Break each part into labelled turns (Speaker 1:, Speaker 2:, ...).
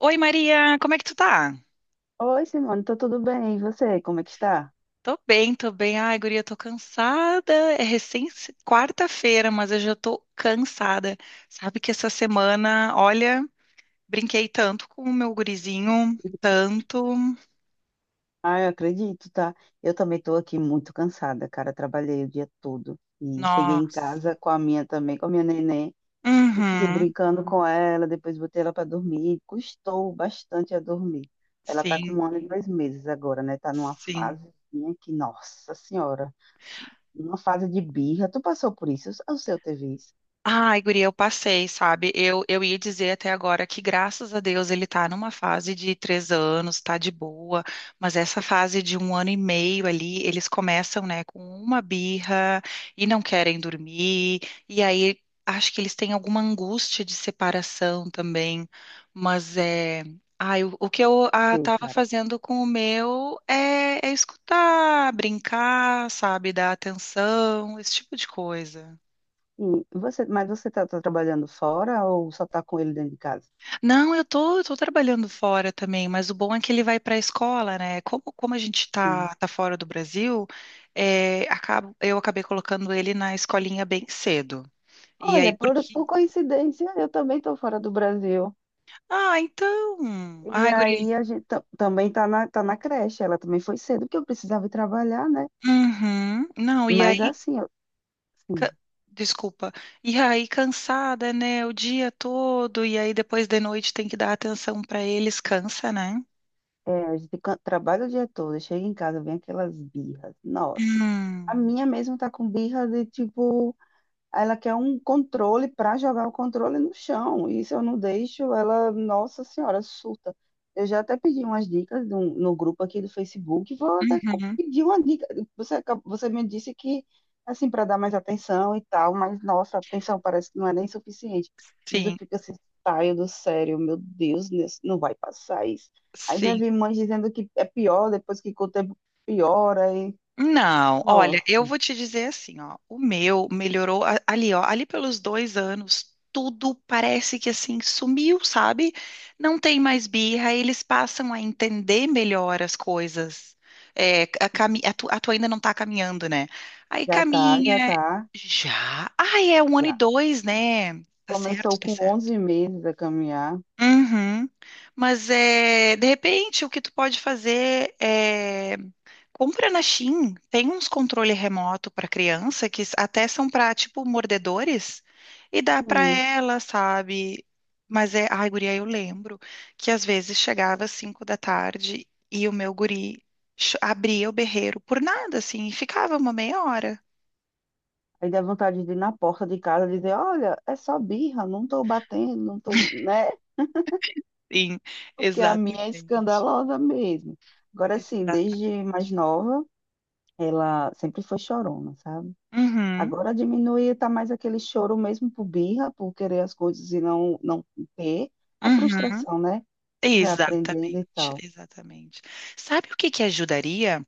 Speaker 1: Oi, Maria, como é que tu tá?
Speaker 2: Oi, Simone, tô tudo bem? E você, como é que está?
Speaker 1: Tô bem, tô bem. Ai, guria, tô cansada. É recém quarta-feira, mas eu já tô cansada. Sabe que essa semana, olha, brinquei tanto com o meu gurizinho, tanto.
Speaker 2: Ah, eu acredito, tá? Eu também tô aqui muito cansada, cara. Trabalhei o dia todo e cheguei em
Speaker 1: Nossa.
Speaker 2: casa com a minha neném, e fiquei
Speaker 1: Uhum.
Speaker 2: brincando com ela, depois botei ela para dormir. Custou bastante a dormir. Ela tá com um
Speaker 1: Sim,
Speaker 2: ano e dois meses agora, né? Tá numa
Speaker 1: sim.
Speaker 2: fase que, nossa senhora, uma fase de birra. Tu passou por isso? O seu teve isso?
Speaker 1: Ai, guria, eu passei, sabe? Eu ia dizer até agora que, graças a Deus, ele tá numa fase de três anos, tá de boa, mas essa fase de um ano e meio ali, eles começam, né, com uma birra e não querem dormir, e aí acho que eles têm alguma angústia de separação também, mas é. Ai, o que eu
Speaker 2: Sim,
Speaker 1: tava
Speaker 2: cara.
Speaker 1: fazendo com o meu é escutar, brincar, sabe, dar atenção, esse tipo de coisa.
Speaker 2: E você, mas você tá trabalhando fora ou só tá com ele dentro de casa?
Speaker 1: Não, eu tô trabalhando fora também, mas o bom é que ele vai para a escola, né? Como a gente tá fora do Brasil, é, eu acabei colocando ele na escolinha bem cedo. E aí,
Speaker 2: Olha, por,
Speaker 1: porque.
Speaker 2: por coincidência, eu também estou fora do Brasil.
Speaker 1: Ah, então.
Speaker 2: E
Speaker 1: Ai,
Speaker 2: aí
Speaker 1: guri.
Speaker 2: a gente também tá na creche. Ela também foi cedo, porque eu precisava ir trabalhar, né?
Speaker 1: Uhum. Não, e
Speaker 2: Mas
Speaker 1: aí.
Speaker 2: assim, eu, assim,
Speaker 1: ca- Desculpa. E aí, cansada, né? O dia todo, e aí depois de noite tem que dar atenção para eles, cansa, né?
Speaker 2: é, a gente trabalha o dia todo, chega em casa, vem aquelas birras. Nossa, a
Speaker 1: Hum.
Speaker 2: minha mesmo tá com birra de tipo. Ela quer um controle para jogar o controle no chão. E se eu não deixo, ela, nossa senhora, surta. Eu já até pedi umas dicas no, no grupo aqui do Facebook. Vou até
Speaker 1: Uhum.
Speaker 2: pedir uma dica. Você me disse que, assim, para dar mais atenção e tal, mas nossa, a atenção parece que não é nem suficiente. Às vezes
Speaker 1: Sim,
Speaker 2: eu fico assim, saio do sério, meu Deus, não vai passar isso. Aí já
Speaker 1: sim.
Speaker 2: vi mães dizendo que é pior, depois que com o tempo piora.
Speaker 1: Não, olha,
Speaker 2: Nossa,
Speaker 1: eu vou te dizer assim, ó, o meu melhorou ali, ó, ali pelos dois anos, tudo parece que assim sumiu, sabe? Não tem mais birra, eles passam a entender melhor as coisas. É, a tua ainda não tá caminhando, né? Aí
Speaker 2: já tá, já
Speaker 1: caminha,
Speaker 2: tá.
Speaker 1: já. Ai, é um ano e
Speaker 2: Já.
Speaker 1: dois, né? Tá certo,
Speaker 2: Começou
Speaker 1: tá
Speaker 2: com
Speaker 1: certo.
Speaker 2: 11 meses a caminhar.
Speaker 1: Uhum. Mas é, de repente o que tu pode fazer é compra na Shein, tem uns controle remoto para criança que até são para tipo mordedores e dá para
Speaker 2: Hum.
Speaker 1: ela, sabe? Mas é, ai, guria, eu lembro que às vezes chegava às 5 da tarde e o meu guri abria o berreiro por nada assim e ficava uma meia hora.
Speaker 2: Aí dá vontade de ir na porta de casa e dizer, olha, é só birra, não tô batendo, não tô, né?
Speaker 1: Sim,
Speaker 2: Porque a minha é
Speaker 1: exatamente.
Speaker 2: escandalosa mesmo. Agora sim,
Speaker 1: Exatamente.
Speaker 2: desde mais nova, ela sempre foi chorona, sabe?
Speaker 1: Uhum,
Speaker 2: Agora diminui, tá mais aquele choro mesmo por birra, por querer as coisas e não ter. A
Speaker 1: uhum.
Speaker 2: frustração, né? Que vai aprendendo e
Speaker 1: Exatamente,
Speaker 2: tal.
Speaker 1: exatamente. Sabe o que que ajudaria?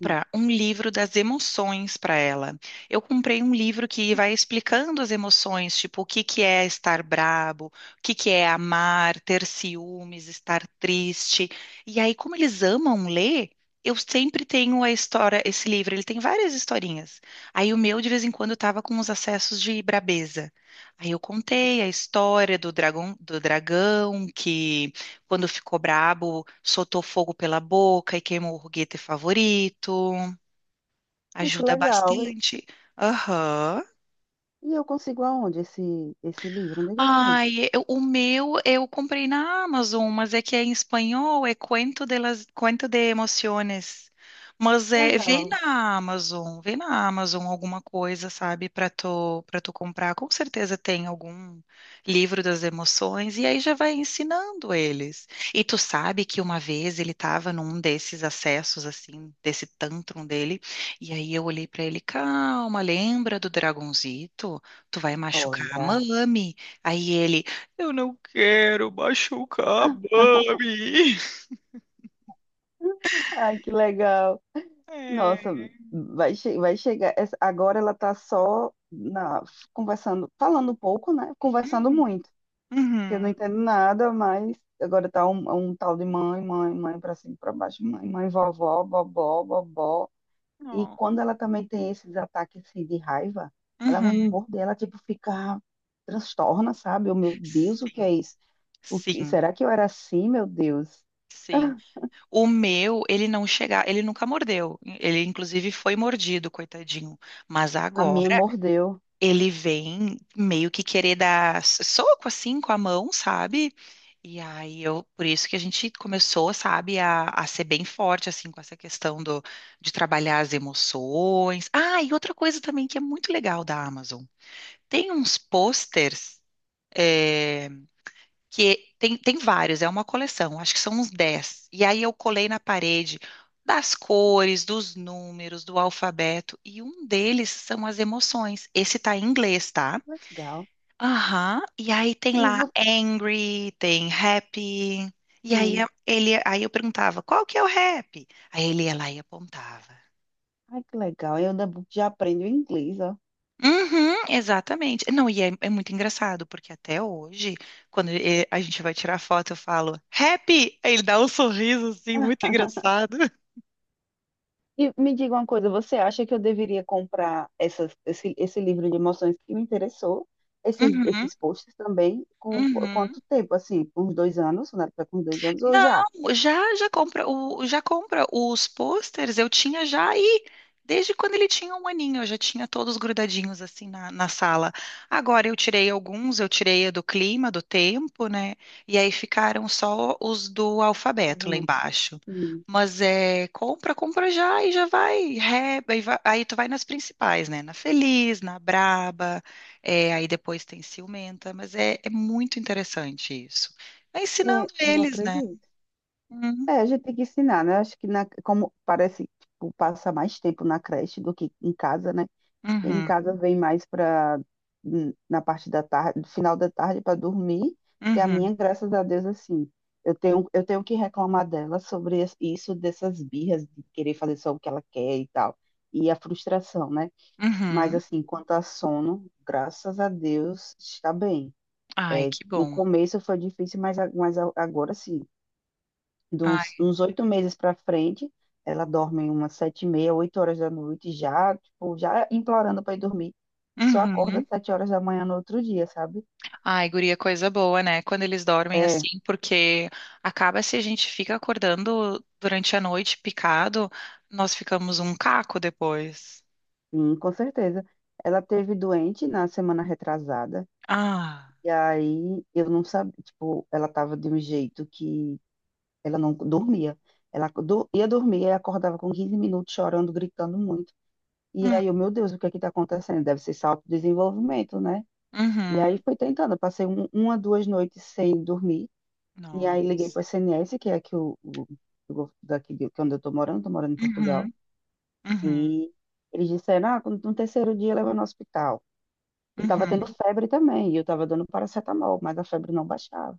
Speaker 2: Hum.
Speaker 1: um livro das emoções para ela. Eu comprei um livro que vai explicando as emoções, tipo o que que é estar brabo, o que que é amar, ter ciúmes, estar triste. E aí, como eles amam ler, eu sempre tenho a história, esse livro, ele tem várias historinhas. Aí o meu de vez em quando estava com uns acessos de brabeza. Aí eu contei a história do dragão que quando ficou brabo, soltou fogo pela boca e queimou o foguete favorito.
Speaker 2: Ah, que
Speaker 1: Ajuda
Speaker 2: legal. E,
Speaker 1: bastante. Aham.
Speaker 2: e eu consigo aonde esse livro? Onde é que eu compro?
Speaker 1: Ai, o meu eu comprei na Amazon, mas é que é em espanhol, é Cuento de las, Cuento de Emociones. Mas é,
Speaker 2: Legal.
Speaker 1: vê na Amazon alguma coisa, sabe, para tu comprar. Com certeza tem algum livro das emoções e aí já vai ensinando eles. E tu sabe que uma vez ele estava num desses acessos assim, desse tantrum dele, e aí eu olhei para ele, calma, lembra do dragonzito? Tu vai machucar a
Speaker 2: Olha.
Speaker 1: mami. Aí ele, eu não quero machucar a
Speaker 2: Ah,
Speaker 1: Mami.
Speaker 2: ai, que legal. Nossa,
Speaker 1: É.
Speaker 2: vai, vai chegar. Agora ela tá só conversando, falando um pouco, né? Conversando
Speaker 1: Uhum.
Speaker 2: muito. Eu não
Speaker 1: Uhum.
Speaker 2: entendo nada, mas agora tá um tal de mãe, mãe, mãe pra cima, e pra baixo, mãe, mãe, vovó, bobó, bobó. E
Speaker 1: Não.
Speaker 2: quando ela também tem esses ataques assim, de raiva, ela vem me
Speaker 1: Uhum.
Speaker 2: morder, ela tipo fica transtorna, sabe? Oh, meu Deus, o que
Speaker 1: Sim,
Speaker 2: é isso?
Speaker 1: sim,
Speaker 2: Será que eu era assim, meu Deus?
Speaker 1: sim. O meu, ele não chegar, ele nunca mordeu. Ele, inclusive, foi mordido, coitadinho. Mas
Speaker 2: A
Speaker 1: agora
Speaker 2: minha mordeu.
Speaker 1: ele vem meio que querer dar soco assim com a mão, sabe? E aí eu, por isso que a gente começou, sabe, a ser bem forte, assim, com essa questão de trabalhar as emoções. Ah, e outra coisa também que é muito legal da Amazon. Tem uns posters, é, que tem vários, é uma coleção, acho que são uns 10. E aí eu colei na parede das cores, dos números, do alfabeto, e um deles são as emoções. Esse tá em inglês, tá?
Speaker 2: Legal.
Speaker 1: Aham. E aí tem
Speaker 2: E
Speaker 1: lá
Speaker 2: você.
Speaker 1: Angry, tem Happy. E aí
Speaker 2: Hum,
Speaker 1: ele, aí eu perguntava, qual que é o Happy? Aí ele ia lá e apontava.
Speaker 2: ai, que legal. Eu ainda já aprendo inglês, ó.
Speaker 1: Uhum, exatamente. Não, e é muito engraçado, porque até hoje, quando a gente vai tirar foto, eu falo, Happy! Aí ele dá um sorriso assim, muito engraçado.
Speaker 2: E me diga uma coisa, você acha que eu deveria comprar esse livro de emoções que me interessou? Esses,
Speaker 1: Uhum,
Speaker 2: esses posts também? Com
Speaker 1: uhum.
Speaker 2: quanto tempo? Assim, com uns 2 anos? Na época, com 2 anos? Ou já?
Speaker 1: Não, já já compra o já compra os posters, eu tinha já aí desde quando ele tinha um aninho, eu já tinha todos grudadinhos assim na sala. Agora eu tirei alguns, eu tirei a do clima, do tempo, né? E aí ficaram só os do
Speaker 2: Tá
Speaker 1: alfabeto lá
Speaker 2: vendo?
Speaker 1: embaixo.
Speaker 2: Sim.
Speaker 1: Mas é, compra, compra já e já vai, aí tu vai nas principais, né? Na Feliz, na Braba, é, aí depois tem Ciumenta, mas é muito interessante isso. Vai
Speaker 2: É,
Speaker 1: ensinando
Speaker 2: eu
Speaker 1: eles, né?
Speaker 2: acredito.
Speaker 1: Hum.
Speaker 2: É, a gente tem que ensinar, né? Acho que na, como parece, tipo, passa mais tempo na creche do que em casa, né? Em
Speaker 1: Uhum,
Speaker 2: casa vem mais para na parte da tarde, final da tarde para dormir, que a
Speaker 1: uhum,
Speaker 2: minha, graças a Deus, assim, eu tenho que reclamar dela sobre isso, dessas birras de querer fazer só o que ela quer e tal, e a frustração, né? Mas
Speaker 1: uhum.
Speaker 2: assim, quanto a sono, graças a Deus, está bem.
Speaker 1: Ai, que
Speaker 2: No
Speaker 1: bom.
Speaker 2: começo foi difícil, mas, agora sim, de uns
Speaker 1: Ai,
Speaker 2: uns 8 meses para frente, ela dorme umas 7h30, 8 horas da noite, já, tipo, já implorando para ir dormir, e só acorda
Speaker 1: uhum.
Speaker 2: 7 horas da manhã no outro dia, sabe?
Speaker 1: Ai, guria, coisa boa, né? Quando eles dormem
Speaker 2: É,
Speaker 1: assim, porque acaba se a gente fica acordando durante a noite picado, nós ficamos um caco depois.
Speaker 2: sim, com certeza. Ela teve doente na semana retrasada,
Speaker 1: Ah,
Speaker 2: e aí eu não sabia, tipo, ela tava de um jeito que ela não dormia. Ela ia dormir e acordava com 15 minutos chorando, gritando muito. E aí, eu,
Speaker 1: hum,
Speaker 2: meu Deus, o que é que tá acontecendo? Deve ser salto de desenvolvimento, né? E aí
Speaker 1: uhum.
Speaker 2: fui tentando, eu passei uma, 2 noites sem dormir, e aí liguei
Speaker 1: Nossa.
Speaker 2: para o SNS, que é aqui daqui de, que é onde eu estou morando em Portugal,
Speaker 1: Uhum, uhum,
Speaker 2: e eles disseram, ah, no terceiro dia leva no hospital. E estava tendo
Speaker 1: uhum.
Speaker 2: febre também, e eu estava dando paracetamol, mas a febre não baixava.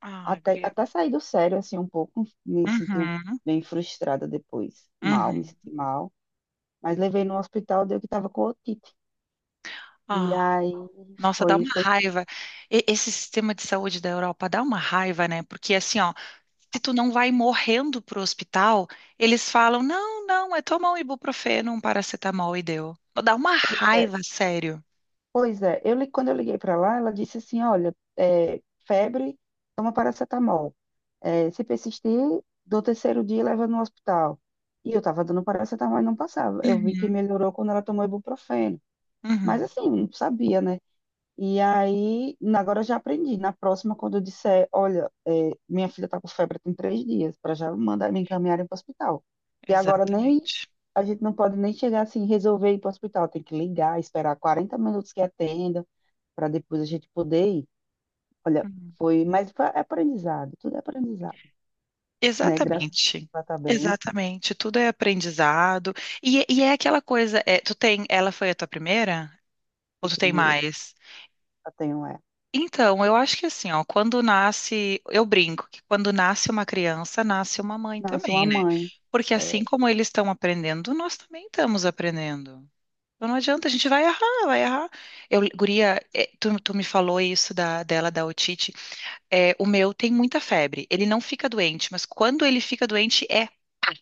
Speaker 1: Ai,
Speaker 2: Até,
Speaker 1: guria.
Speaker 2: até sair do sério, assim, um pouco, me senti
Speaker 1: Uhum,
Speaker 2: bem frustrada depois, mal, me senti
Speaker 1: uhum.
Speaker 2: mal. Mas levei no hospital, deu que estava com otite. E
Speaker 1: Ah.
Speaker 2: aí
Speaker 1: Nossa, dá
Speaker 2: foi,
Speaker 1: uma
Speaker 2: foi,
Speaker 1: raiva. Esse sistema de saúde da Europa dá uma raiva, né? Porque assim, ó, se tu não vai morrendo pro hospital, eles falam, não, não, é tomar um ibuprofeno, um paracetamol e deu. Dá uma raiva, sério.
Speaker 2: pois é, quando eu liguei para lá, ela disse assim, olha, é, febre, toma paracetamol. É, se persistir, do terceiro dia leva no hospital. E eu estava dando paracetamol e não passava. Eu vi que
Speaker 1: Uhum,
Speaker 2: melhorou quando ela tomou ibuprofeno. Mas
Speaker 1: uhum,
Speaker 2: assim, não sabia, né? E aí, agora eu já aprendi. Na próxima, quando eu disser, olha, é, minha filha está com febre tem 3 dias, para já mandar me encaminharem para o hospital. E agora nem
Speaker 1: exatamente.
Speaker 2: a gente não pode nem chegar assim, resolver ir para o hospital. Tem que ligar, esperar 40 minutos que atenda, para depois a gente poder ir. Olha,
Speaker 1: Uhum.
Speaker 2: foi, mas foi aprendizado, tudo é aprendizado, né? Graças a Deus
Speaker 1: Exatamente.
Speaker 2: ela tá bem,
Speaker 1: Exatamente. Tudo é aprendizado. E é aquela coisa, é, tu tem, ela foi a tua primeira? Ou
Speaker 2: em
Speaker 1: tu tem
Speaker 2: primeiro,
Speaker 1: mais?
Speaker 2: eu tenho ela.
Speaker 1: Então, eu acho que assim, ó, quando nasce, eu brinco que quando nasce uma criança, nasce uma mãe
Speaker 2: Nasceu uma
Speaker 1: também, né?
Speaker 2: mãe,
Speaker 1: Porque assim
Speaker 2: é,
Speaker 1: como eles estão aprendendo, nós também estamos aprendendo. Então não adianta, a gente vai errar, vai errar. Eu, guria, é, tu me falou isso da otite. É, o meu tem muita febre. Ele não fica doente, mas quando ele fica doente, é pá,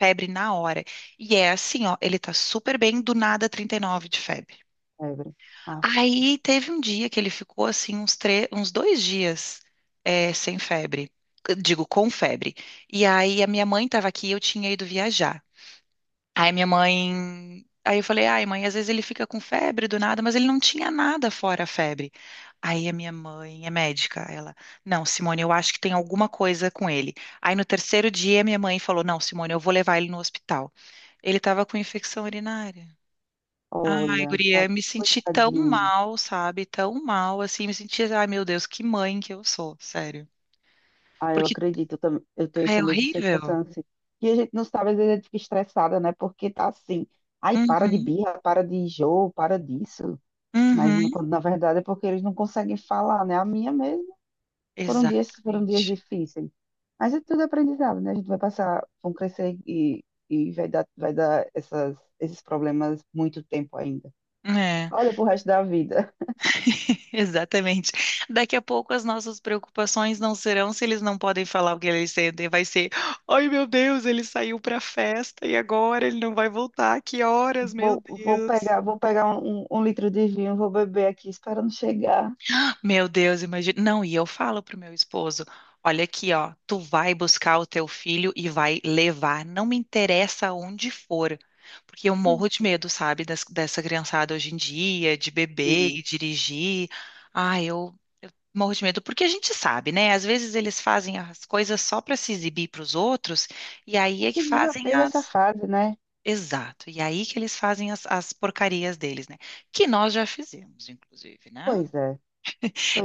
Speaker 1: febre na hora. E é assim, ó, ele tá super bem, do nada 39 de febre.
Speaker 2: Evelyn. Aff,
Speaker 1: Aí teve um dia que ele ficou assim uns dois dias sem febre. Eu digo, com febre. E aí a minha mãe estava aqui e eu tinha ido viajar. Aí minha mãe. Aí eu falei, ai, mãe, às vezes ele fica com febre do nada, mas ele não tinha nada fora a febre. Aí a minha mãe é médica. Ela, não, Simone, eu acho que tem alguma coisa com ele. Aí no terceiro dia, minha mãe falou, não, Simone, eu vou levar ele no hospital. Ele estava com infecção urinária. Ai,
Speaker 2: olha, tá,
Speaker 1: guria, me senti tão
Speaker 2: coitadinho.
Speaker 1: mal, sabe? Tão mal, assim, me senti, ai, meu Deus, que mãe que eu sou, sério.
Speaker 2: Ah, eu
Speaker 1: Porque
Speaker 2: acredito, eu tenho
Speaker 1: ai,
Speaker 2: essa
Speaker 1: é
Speaker 2: mesma
Speaker 1: horrível.
Speaker 2: sensação, assim. E a gente não sabe, às vezes a gente fica estressada, né? Porque tá assim, ai, para de
Speaker 1: Uhum,
Speaker 2: birra, para de jogo, para disso. Mas
Speaker 1: uhum,
Speaker 2: quando, na verdade é porque eles não conseguem falar, né? A minha mesmo, foram dias
Speaker 1: exatamente.
Speaker 2: difíceis. Mas é tudo aprendizado, né? A gente vai passar, vão crescer e, vai dar essas, esses problemas muito tempo ainda.
Speaker 1: É,
Speaker 2: Olha pro resto da vida.
Speaker 1: exatamente. Daqui a pouco as nossas preocupações não serão se eles não podem falar o que eles sentem, vai ser, ai, meu Deus, ele saiu pra festa e agora ele não vai voltar, que horas, meu
Speaker 2: Vou, vou
Speaker 1: Deus.
Speaker 2: pegar, vou pegar um, um litro de vinho, vou beber aqui, esperando chegar.
Speaker 1: Meu Deus, imagina. Não, e eu falo pro meu esposo, olha aqui, ó, tu vai buscar o teu filho e vai levar, não me interessa onde for, porque eu morro de medo, sabe, dessa criançada hoje em dia, de beber e
Speaker 2: Sim.
Speaker 1: dirigir. Ah, eu morro de medo, porque a gente sabe, né? Às vezes eles fazem as coisas só para se exibir para os outros, e aí
Speaker 2: É,
Speaker 1: é
Speaker 2: porque a
Speaker 1: que
Speaker 2: gente já
Speaker 1: fazem
Speaker 2: teve essa
Speaker 1: as.
Speaker 2: fase, né?
Speaker 1: Exato, e aí que eles fazem as porcarias deles, né? Que nós já fizemos, inclusive, né?
Speaker 2: Pois é,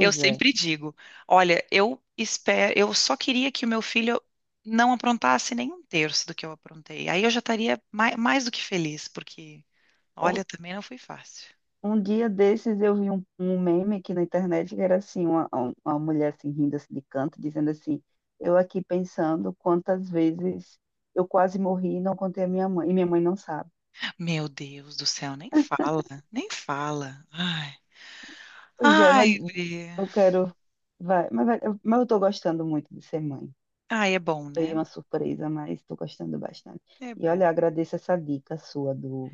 Speaker 1: Eu
Speaker 2: é.
Speaker 1: sempre digo, olha, eu espero, eu só queria que o meu filho não aprontasse nem um terço do que eu aprontei. Aí eu já estaria mais, mais do que feliz, porque,
Speaker 2: Um,
Speaker 1: olha, também não foi fácil.
Speaker 2: um dia desses eu vi um meme aqui na internet que era assim, uma mulher assim rindo assim, de canto, dizendo assim, eu aqui pensando quantas vezes eu quase morri e não contei a minha mãe, e minha mãe não sabe.
Speaker 1: Meu Deus do céu, nem fala, nem fala. Ai,
Speaker 2: Pois é, mas
Speaker 1: ai,
Speaker 2: eu
Speaker 1: guria.
Speaker 2: quero. Vai, mas eu tô gostando muito de ser mãe.
Speaker 1: Ai, é bom,
Speaker 2: Foi
Speaker 1: né?
Speaker 2: uma surpresa, mas tô gostando bastante.
Speaker 1: É
Speaker 2: E
Speaker 1: bom.
Speaker 2: olha, agradeço essa dica sua do,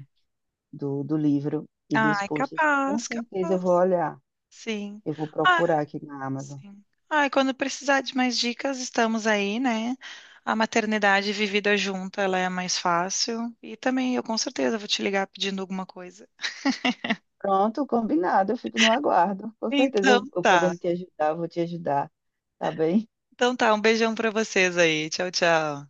Speaker 2: do, do livro e dos
Speaker 1: Ai,
Speaker 2: posts. Com
Speaker 1: capaz,
Speaker 2: certeza eu vou
Speaker 1: capaz.
Speaker 2: olhar.
Speaker 1: Sim.
Speaker 2: Eu vou procurar aqui na Amazon.
Speaker 1: Sim. Ah, e quando precisar de mais dicas, estamos aí, né? A maternidade vivida junta, ela é mais fácil. E também eu com certeza vou te ligar pedindo alguma coisa.
Speaker 2: Pronto, combinado. Eu fico no aguardo. Com certeza
Speaker 1: Então
Speaker 2: eu
Speaker 1: tá.
Speaker 2: podendo te ajudar, eu vou te ajudar. Tá bem?
Speaker 1: Então tá, um beijão pra vocês aí. Tchau, tchau.